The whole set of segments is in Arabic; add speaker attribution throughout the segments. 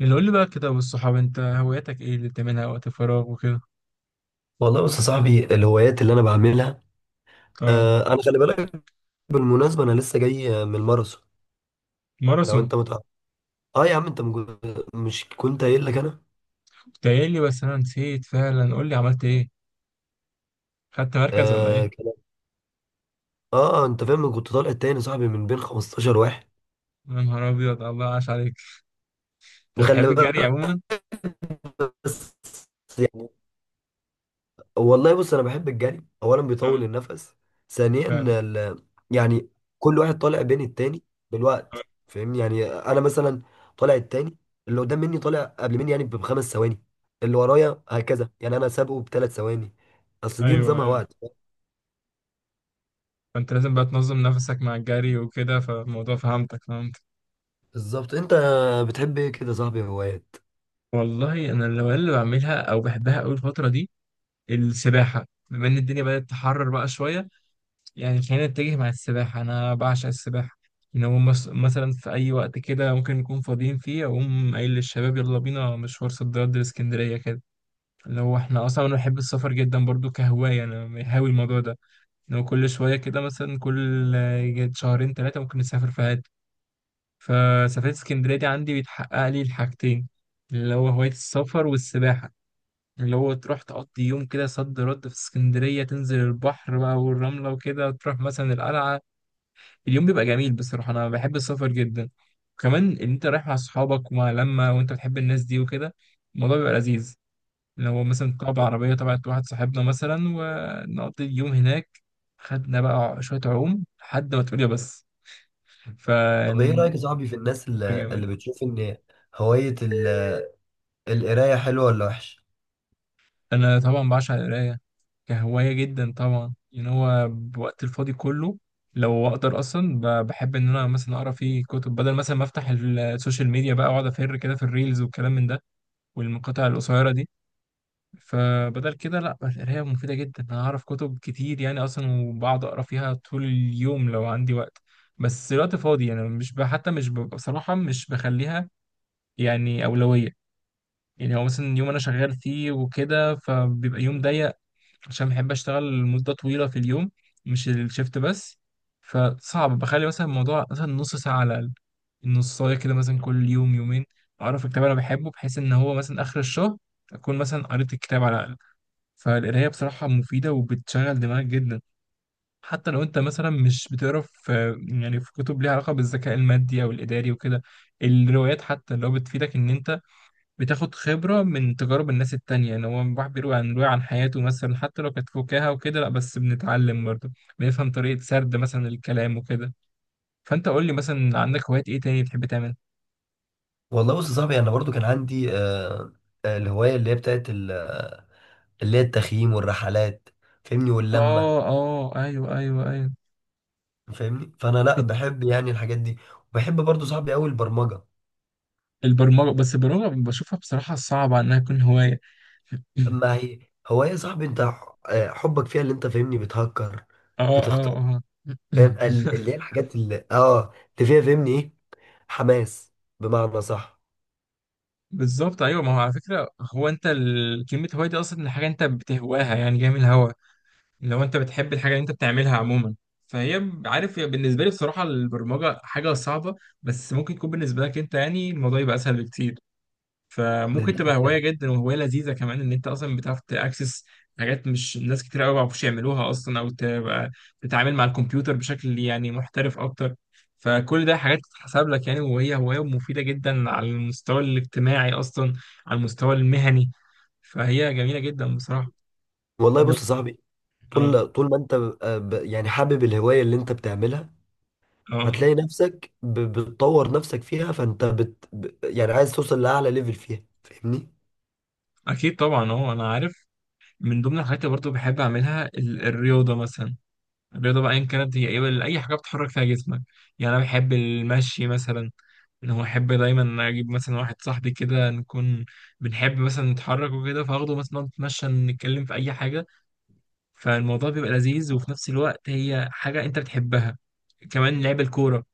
Speaker 1: اللي قول لي بقى كده، والصحاب، انت هواياتك ايه اللي بتعملها وقت الفراغ وكده؟
Speaker 2: والله بص يا صاحبي الهوايات اللي انا بعملها.
Speaker 1: اه.
Speaker 2: انا خلي بالك. بالمناسبه انا لسه جاي من الماراثون. لو انت
Speaker 1: ماراثون.
Speaker 2: متع... اه يا عم انت مج... مش كنت قايل لك انا
Speaker 1: كنت قايل لي، بس انا نسيت فعلا. قول لي عملت ايه، خدت مركز ولا
Speaker 2: آه,
Speaker 1: ايه؟
Speaker 2: كان- اه انت فاهم، كنت طالع التاني يا صاحبي من بين 15 واحد.
Speaker 1: يا نهار ابيض، الله عاش عليك. انت بتحب
Speaker 2: وخلي
Speaker 1: الجري
Speaker 2: بالك.
Speaker 1: عموما؟
Speaker 2: بس. يعني والله بص، انا بحب الجري. اولا بيطول
Speaker 1: اه.
Speaker 2: النفس. ثانيا
Speaker 1: فعلا.
Speaker 2: ال... يعني كل واحد طالع بين التاني
Speaker 1: اه،
Speaker 2: بالوقت، فاهمني؟ يعني انا مثلا طالع التاني. اللي قدام مني طالع قبل مني يعني بـ 5 ثواني، اللي ورايا هكذا يعني انا سابقه بـ 3 ثواني. اصل دي
Speaker 1: ايوه،
Speaker 2: نظامها
Speaker 1: ايوه.
Speaker 2: وقت.
Speaker 1: فانت لازم بقى تنظم نفسك مع الجري وكده، فالموضوع فهمت.
Speaker 2: بالظبط. انت بتحب ايه كده يا صاحبي، هوايات؟
Speaker 1: والله انا الهوايات اللي بعملها او بحبها قوي الفتره دي السباحه، بما ان الدنيا بدات تحرر بقى شويه. يعني خلينا نتجه مع السباحة، أنا بعشق السباحة. إن هو مثلا في أي وقت كده ممكن نكون فاضيين فيه، أقوم قايل للشباب يلا بينا مشوار صد رد لإسكندرية كده. اللي هو إحنا أصلا أنا بحب السفر جدا برضو كهواية، أنا هاوي الموضوع ده. إن هو كل شوية كده، مثلا كل شهرين تلاتة ممكن نسافر في حتة. فسفرية اسكندرية دي عندي بيتحقق لي الحاجتين، اللي هو هواية السفر والسباحة. اللي هو تروح تقضي يوم كده صد رد في اسكندرية، تنزل البحر بقى والرملة وكده، تروح مثلا القلعة. اليوم بيبقى جميل، بصراحة أنا بحب السفر جدا. وكمان إن أنت رايح مع أصحابك ومع لمة وأنت بتحب الناس دي وكده، الموضوع بيبقى لذيذ. لو مثلا طلع بعربية تبعت واحد صاحبنا مثلا ونقضي اليوم هناك، خدنا بقى شوية عوم لحد ما تقول يا بس. ف
Speaker 2: طب ايه رايك يا صاحبي في الناس
Speaker 1: بيبقى
Speaker 2: اللي
Speaker 1: جامد.
Speaker 2: بتشوف ان هوايه ال... القرايه حلوه ولا وحشه؟
Speaker 1: أنا طبعا بعشق القراية كهواية جدا طبعا، يعني هو بوقت الفاضي كله لو أقدر أصلا بحب إن أنا مثلا أقرأ فيه كتب بدل مثلا ما أفتح السوشيال ميديا بقى وأقعد أفر كده في الريلز والكلام من ده، والمقاطع القصيرة دي. فبدل كده لا، القراية مفيدة جدا. أنا أعرف كتب كتير يعني أصلا، وبقعد أقرأ فيها طول اليوم لو عندي وقت. بس الوقت فاضي يعني، مش ب... حتى مش ب... بصراحة مش بخليها يعني أولوية. يعني هو مثلا يوم أنا شغال فيه وكده فبيبقى يوم ضيق، عشان بحب اشتغل مدة طويلة في اليوم، مش الشيفت بس. فصعب بخلي مثلا الموضوع مثلا نص ساعة على الأقل، النصاية كده، مثلا كل يوم يومين أعرف الكتاب أنا بحبه، بحيث إن هو مثلا آخر الشهر أكون مثلا قريت الكتاب على الأقل. فالقراية بصراحة مفيدة وبتشغل دماغك جدا. حتى لو أنت مثلا مش بتقرا يعني في كتب ليها علاقة بالذكاء المادي أو الإداري وكده، الروايات حتى لو بتفيدك إن أنت بتاخد خبرة من تجارب الناس التانية، ان هو الواحد بيروي عن حياته مثلا، حتى لو كانت فكاهة وكده، لا بس بنتعلم برضه، بنفهم طريقة سرد مثلا الكلام وكده. فانت قول لي مثلا، عندك هوايات ايه تاني بتحب تعمل؟
Speaker 2: والله بص يا صاحبي، انا برضو كان عندي الهوايه اللي هي بتاعت ال- آه، اللي هي التخييم والرحلات، فاهمني؟ واللمه،
Speaker 1: اه، اه، ايوه، ايوه، ايوه.
Speaker 2: فاهمني؟ فانا لا
Speaker 1: بت-
Speaker 2: بحب يعني الحاجات دي. وبحب برضو صاحبي قوي البرمجه.
Speaker 1: البرمجة، بس البرمجة بشوفها بصراحة صعبة انها تكون هواية.
Speaker 2: ما هي هوايه صاحبي، انت ح- آه، حبك فيها اللي انت فاهمني، بتهكر،
Speaker 1: اه، اه،
Speaker 2: بتختار،
Speaker 1: اه.
Speaker 2: فاهم اللي هي الحاجات اللي اللي فيها، فاهمني؟ ايه، حماس بمعنى صح.
Speaker 1: بالظبط، ايوه. ما هو على فكرة هو انت كلمة هواية دي اصلا حاجة انت بتهواها، يعني جاي من الهوا. لو انت بتحب الحاجه اللي انت بتعملها عموما، فهي عارف، هي بالنسبه لي بصراحه البرمجه حاجه صعبه، بس ممكن يكون بالنسبه لك انت يعني الموضوع يبقى اسهل بكتير.
Speaker 2: إن
Speaker 1: فممكن
Speaker 2: دي
Speaker 1: تبقى هوايه
Speaker 2: حاجة.
Speaker 1: جدا وهوايه لذيذه كمان، ان انت اصلا بتعرف تاكسس حاجات مش ناس كتير قوي ما بيعرفوش يعملوها اصلا، او تبقى تتعامل مع الكمبيوتر بشكل يعني محترف اكتر. فكل ده حاجات تتحسب لك يعني، وهي هوايه مفيده جدا على المستوى الاجتماعي اصلا، على المستوى المهني، فهي جميله جدا بصراحه.
Speaker 2: والله
Speaker 1: لو-
Speaker 2: بص يا صاحبي،
Speaker 1: اه،
Speaker 2: طول ما انت يعني حابب الهوايه اللي انت بتعملها،
Speaker 1: اه،
Speaker 2: هتلاقي نفسك بتطور نفسك فيها. فانت يعني عايز توصل لاعلى ليفل فيها، فاهمني؟
Speaker 1: اكيد طبعا. هو انا عارف، من ضمن الحاجات اللي برضه بحب اعملها الرياضه مثلا. الرياضه بقى ايا كانت هي ايه، اي حاجه بتحرك فيها جسمك، يعني انا بحب المشي مثلا. ان هو احب دايما اجيب مثلا واحد صاحبي كده نكون بنحب مثلا نتحرك وكده، فاخده مثلا نقعد نتمشى نتكلم في اي حاجه، فالموضوع بيبقى لذيذ، وفي نفس الوقت هي حاجه انت بتحبها. كمان لعب الكوره،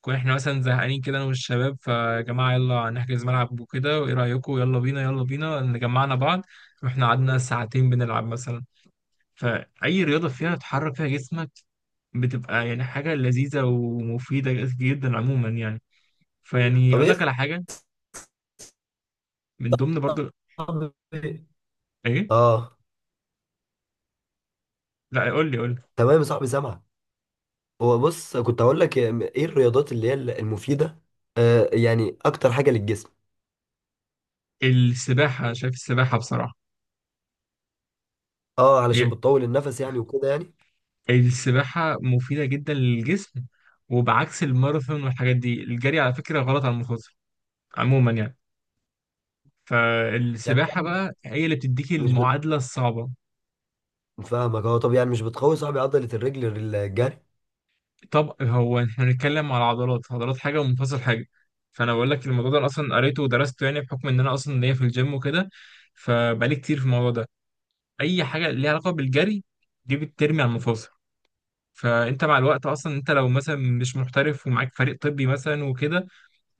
Speaker 1: كون احنا مثلا زهقانين كده انا والشباب، فيا جماعه يلا نحجز ملعب وكده، وايه رايكم يلا بينا يلا بينا نجمعنا بعض، رحنا قعدنا ساعتين بنلعب مثلا. فاي رياضه فيها تحرك فيها جسمك بتبقى يعني حاجه لذيذه ومفيده جدا عموما يعني. فيعني
Speaker 2: طب
Speaker 1: اقول
Speaker 2: ايه يا
Speaker 1: لك على حاجه، من ضمن برضو،
Speaker 2: صاحبي؟
Speaker 1: ايه؟
Speaker 2: اه
Speaker 1: لا، قول لي قول لي.
Speaker 2: تمام يا صاحبي، سامعك. هو بص، كنت هقول لك ايه الرياضات اللي هي المفيده؟ يعني اكتر حاجه للجسم.
Speaker 1: السباحه. شايف السباحه بصراحه
Speaker 2: اه
Speaker 1: هي-
Speaker 2: علشان بتطول النفس يعني، وكده يعني.
Speaker 1: السباحه مفيده جدا للجسم، وبعكس الماراثون والحاجات دي الجري على فكره غلط على المخاطر عموما يعني.
Speaker 2: يعني
Speaker 1: فالسباحة
Speaker 2: يعني
Speaker 1: بقى هي اللي بتديك
Speaker 2: مش بت...
Speaker 1: المعادلة الصعبة.
Speaker 2: فاهمك. اه طب، يعني مش بتقوي صاحبي عضله الرجل الجري؟
Speaker 1: طب هو احنا بنتكلم على عضلات، عضلات حاجة ومفاصل حاجة. فأنا بقول لك الموضوع ده أنا أصلا قريته ودرسته، يعني بحكم إن أنا أصلا ليا في الجيم وكده، فبقالي كتير في الموضوع ده. أي حاجة ليها علاقة بالجري دي بترمي على المفاصل. فأنت مع الوقت أصلا، أنت لو مثلا مش محترف ومعاك فريق طبي مثلا وكده،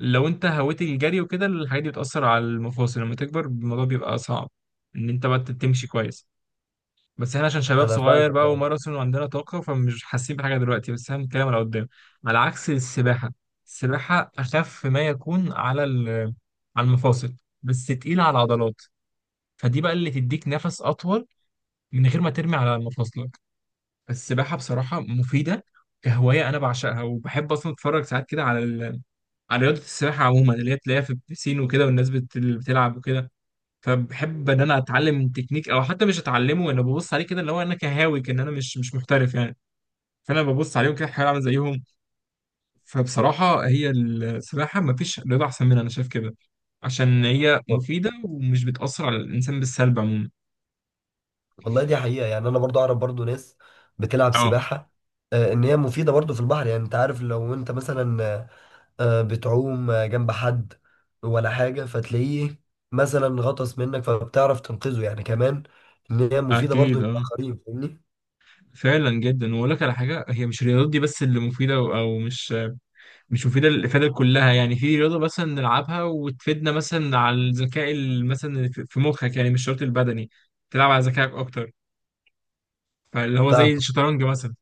Speaker 1: لو أنت هويت الجري وكده الحاجات دي بتأثر على المفاصل، لما تكبر الموضوع بيبقى صعب إن أنت بقى تمشي كويس. بس احنا عشان شباب
Speaker 2: انا
Speaker 1: صغير
Speaker 2: فاهمك.
Speaker 1: بقى وماراثون وعندنا طاقة فمش حاسين بحاجة دلوقتي، بس احنا بنتكلم على قدام، على عكس السباحة. السباحة أخف ما يكون على على المفاصل، بس تقيلة على العضلات. فدي بقى اللي تديك نفس أطول من غير ما ترمي على مفاصلك. فالسباحة بصراحة مفيدة كهواية، أنا بعشقها، وبحب أصلا أتفرج ساعات كده على على رياضة السباحة عموما، اللي هي تلاقيها في البسين وكده، والناس اللي بتلعب وكده. فبحب ان انا اتعلم تكنيك، او حتى مش اتعلمه، انا ببص عليه كده، اللي هو انا كهاوي كان، انا مش محترف يعني. فانا ببص عليهم كده احاول اعمل زيهم. فبصراحه هي السباحه ما فيش رياضه احسن منها، انا شايف كده عشان هي
Speaker 2: اه
Speaker 1: مفيده ومش بتاثر على الانسان بالسلب عموما.
Speaker 2: والله دي حقيقة. يعني أنا برضو أعرف برضو ناس بتلعب
Speaker 1: اه.
Speaker 2: سباحة. إن هي مفيدة برضو في البحر. يعني أنت عارف، لو أنت مثلا بتعوم جنب حد ولا حاجة، فتلاقيه مثلا غطس منك فبتعرف تنقذه يعني كمان. إن هي مفيدة برضو
Speaker 1: اكيد، اه.
Speaker 2: للآخرين، فاهمني؟
Speaker 1: فعلا جدا. واقول لك على حاجه، هي مش الرياضات دي بس اللي مفيده، او مش مفيده للافاده كلها. يعني في رياضه مثلا نلعبها وتفيدنا مثلا على الذكاء مثلا في مخك يعني، مش شرط البدني، تلعب على ذكائك اكتر، فاللي هو
Speaker 2: فاهم.
Speaker 1: زي الشطرنج مثلا،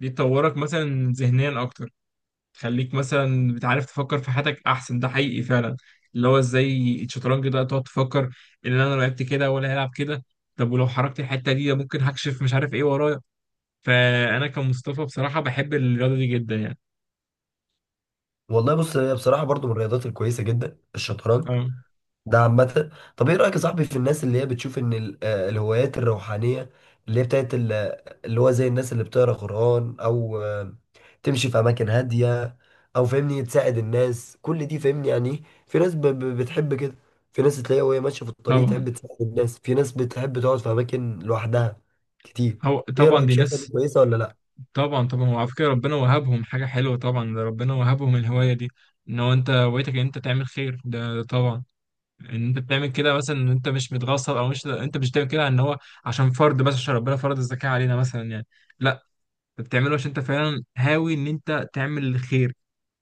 Speaker 1: دي تطورك مثلا ذهنيا اكتر، تخليك مثلا بتعرف تفكر في حياتك احسن، ده حقيقي فعلا. اللي هو ازاي الشطرنج ده تقعد تفكر ان انا لو لعبت كده ولا هيلعب كده، طب ولو حركت الحته دي ممكن هكشف مش عارف ايه ورايا. فانا كمصطفى بصراحه بحب الرياضه دي جدا يعني.
Speaker 2: والله بص، هي بصراحة برضو من الرياضات الكويسة جدا الشطرنج
Speaker 1: اه،
Speaker 2: ده، عامة. طب ايه رأيك يا صاحبي في الناس اللي هي بتشوف ان الهوايات الروحانية اللي هي بتاعت ال- آه، اللي هو زي الناس اللي بتقرا قرآن، او آه، تمشي في اماكن هادية، او فاهمني تساعد الناس، كل دي فاهمني يعني. ايه، في ناس بتحب كده. في ناس تلاقيها وهي ماشية في الطريق
Speaker 1: طبعا.
Speaker 2: تحب تساعد الناس، في ناس بتحب تقعد في اماكن لوحدها كتير.
Speaker 1: هو
Speaker 2: ايه
Speaker 1: طبعا
Speaker 2: رأيك؟
Speaker 1: دي
Speaker 2: شايفها دي
Speaker 1: ناس،
Speaker 2: كويسة ولا لا؟
Speaker 1: طبعا طبعا هو على فكره ربنا وهبهم حاجه حلوه طبعا. ده ربنا وهبهم الهوايه دي، ان هو انت هوايتك ان انت تعمل خير، ده طبعا ان انت بتعمل كده، مثلا ان انت مش متغصب، او مش انت مش بتعمل كده ان هو عشان فرض بس، عشان ربنا فرض الزكاة علينا مثلا يعني. لا، انت بتعمله عشان انت فعلا هاوي ان انت تعمل الخير،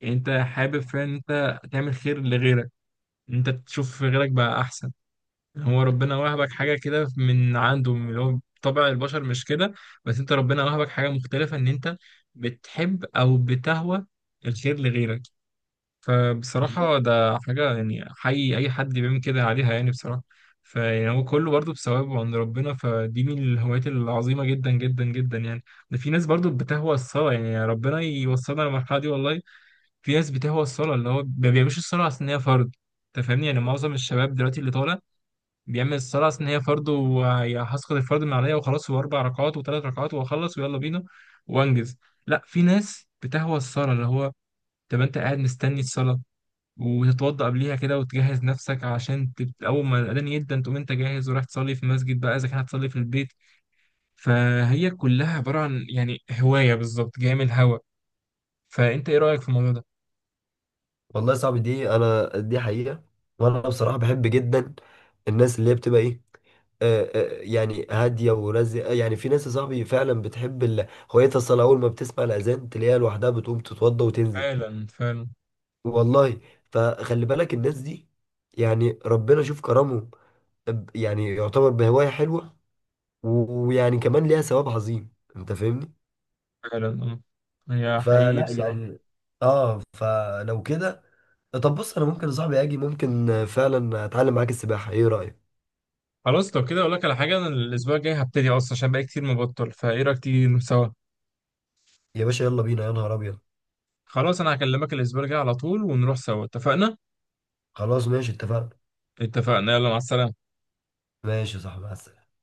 Speaker 1: يعني انت حابب فعلا ان انت تعمل خير لغيرك، ان انت تشوف غيرك بقى احسن. يعني هو ربنا وهبك حاجة كده من عنده، من اللي هو طبع البشر، مش كده، بس انت ربنا وهبك حاجة مختلفة ان انت بتحب او بتهوى الخير لغيرك.
Speaker 2: والله.
Speaker 1: فبصراحة ده حاجة يعني حي أي حد بيعمل كده عليها يعني بصراحة، فيعني هو كله برضه بثواب عند ربنا، فدي من الهوايات العظيمة جدا جدا جدا يعني. ده في ناس برضه بتهوى الصلاة، يعني ربنا يوصلنا للمرحلة دي والله. في ناس بتهوى الصلاة، اللي هو ما بيعملش الصلاة عشان هي فرض، أنت فاهمني؟ يعني معظم الشباب دلوقتي اللي طالع بيعمل الصلاة عشان هي فرض، وهسقط الفرض من عليا وخلاص، وأربع ركعات وثلاث ركعات وأخلص ويلا بينا وأنجز. لا، في ناس بتهوى الصلاة اللي هو، طب أنت قاعد مستني الصلاة وتتوضأ قبليها كده وتجهز نفسك عشان أول ما الأذان يبدأ تقوم أنت جاهز ورايح تصلي في مسجد بقى، إذا كان هتصلي في البيت. فهي كلها عبارة عن يعني هواية، بالظبط جاية من الهوا. فأنت إيه رأيك في الموضوع ده؟
Speaker 2: والله يا صاحبي، دي حقيقة. وانا بصراحة بحب جدا الناس اللي هي بتبقى ايه، يعني هادية ورزقة. يعني في ناس يا صاحبي فعلا بتحب هويتها الصلاة، أول ما بتسمع الأذان تلاقيها لوحدها بتقوم تتوضى وتنزل.
Speaker 1: فعلا، فعلا،
Speaker 2: والله. فخلي بالك الناس دي، يعني ربنا شوف كرمه، يعني يعتبر بهواية حلوة، ويعني كمان ليها ثواب عظيم، أنت فاهمني؟
Speaker 1: فعلا، أه. هي حقيقي
Speaker 2: فلا
Speaker 1: بصراحة.
Speaker 2: يعني، فلو كده، طب بص، أنا ممكن يا صاحبي أجي، ممكن فعلا أتعلم معاك السباحة، إيه رأيك؟
Speaker 1: خلاص لو كده أقول لك على حاجة، أنا الأسبوع الجاي هبتدي أصلا عشان بقى كتير مبطل، فإيه رأيك تيجي نروح سوا؟
Speaker 2: يا باشا يلا بينا، يا نهار أبيض.
Speaker 1: خلاص، أنا هكلمك الأسبوع الجاي على طول ونروح سوا، اتفقنا؟
Speaker 2: خلاص ماشي، اتفقنا.
Speaker 1: اتفقنا، يلا مع السلامة.
Speaker 2: ماشي يا صاحبي، مع السلامة.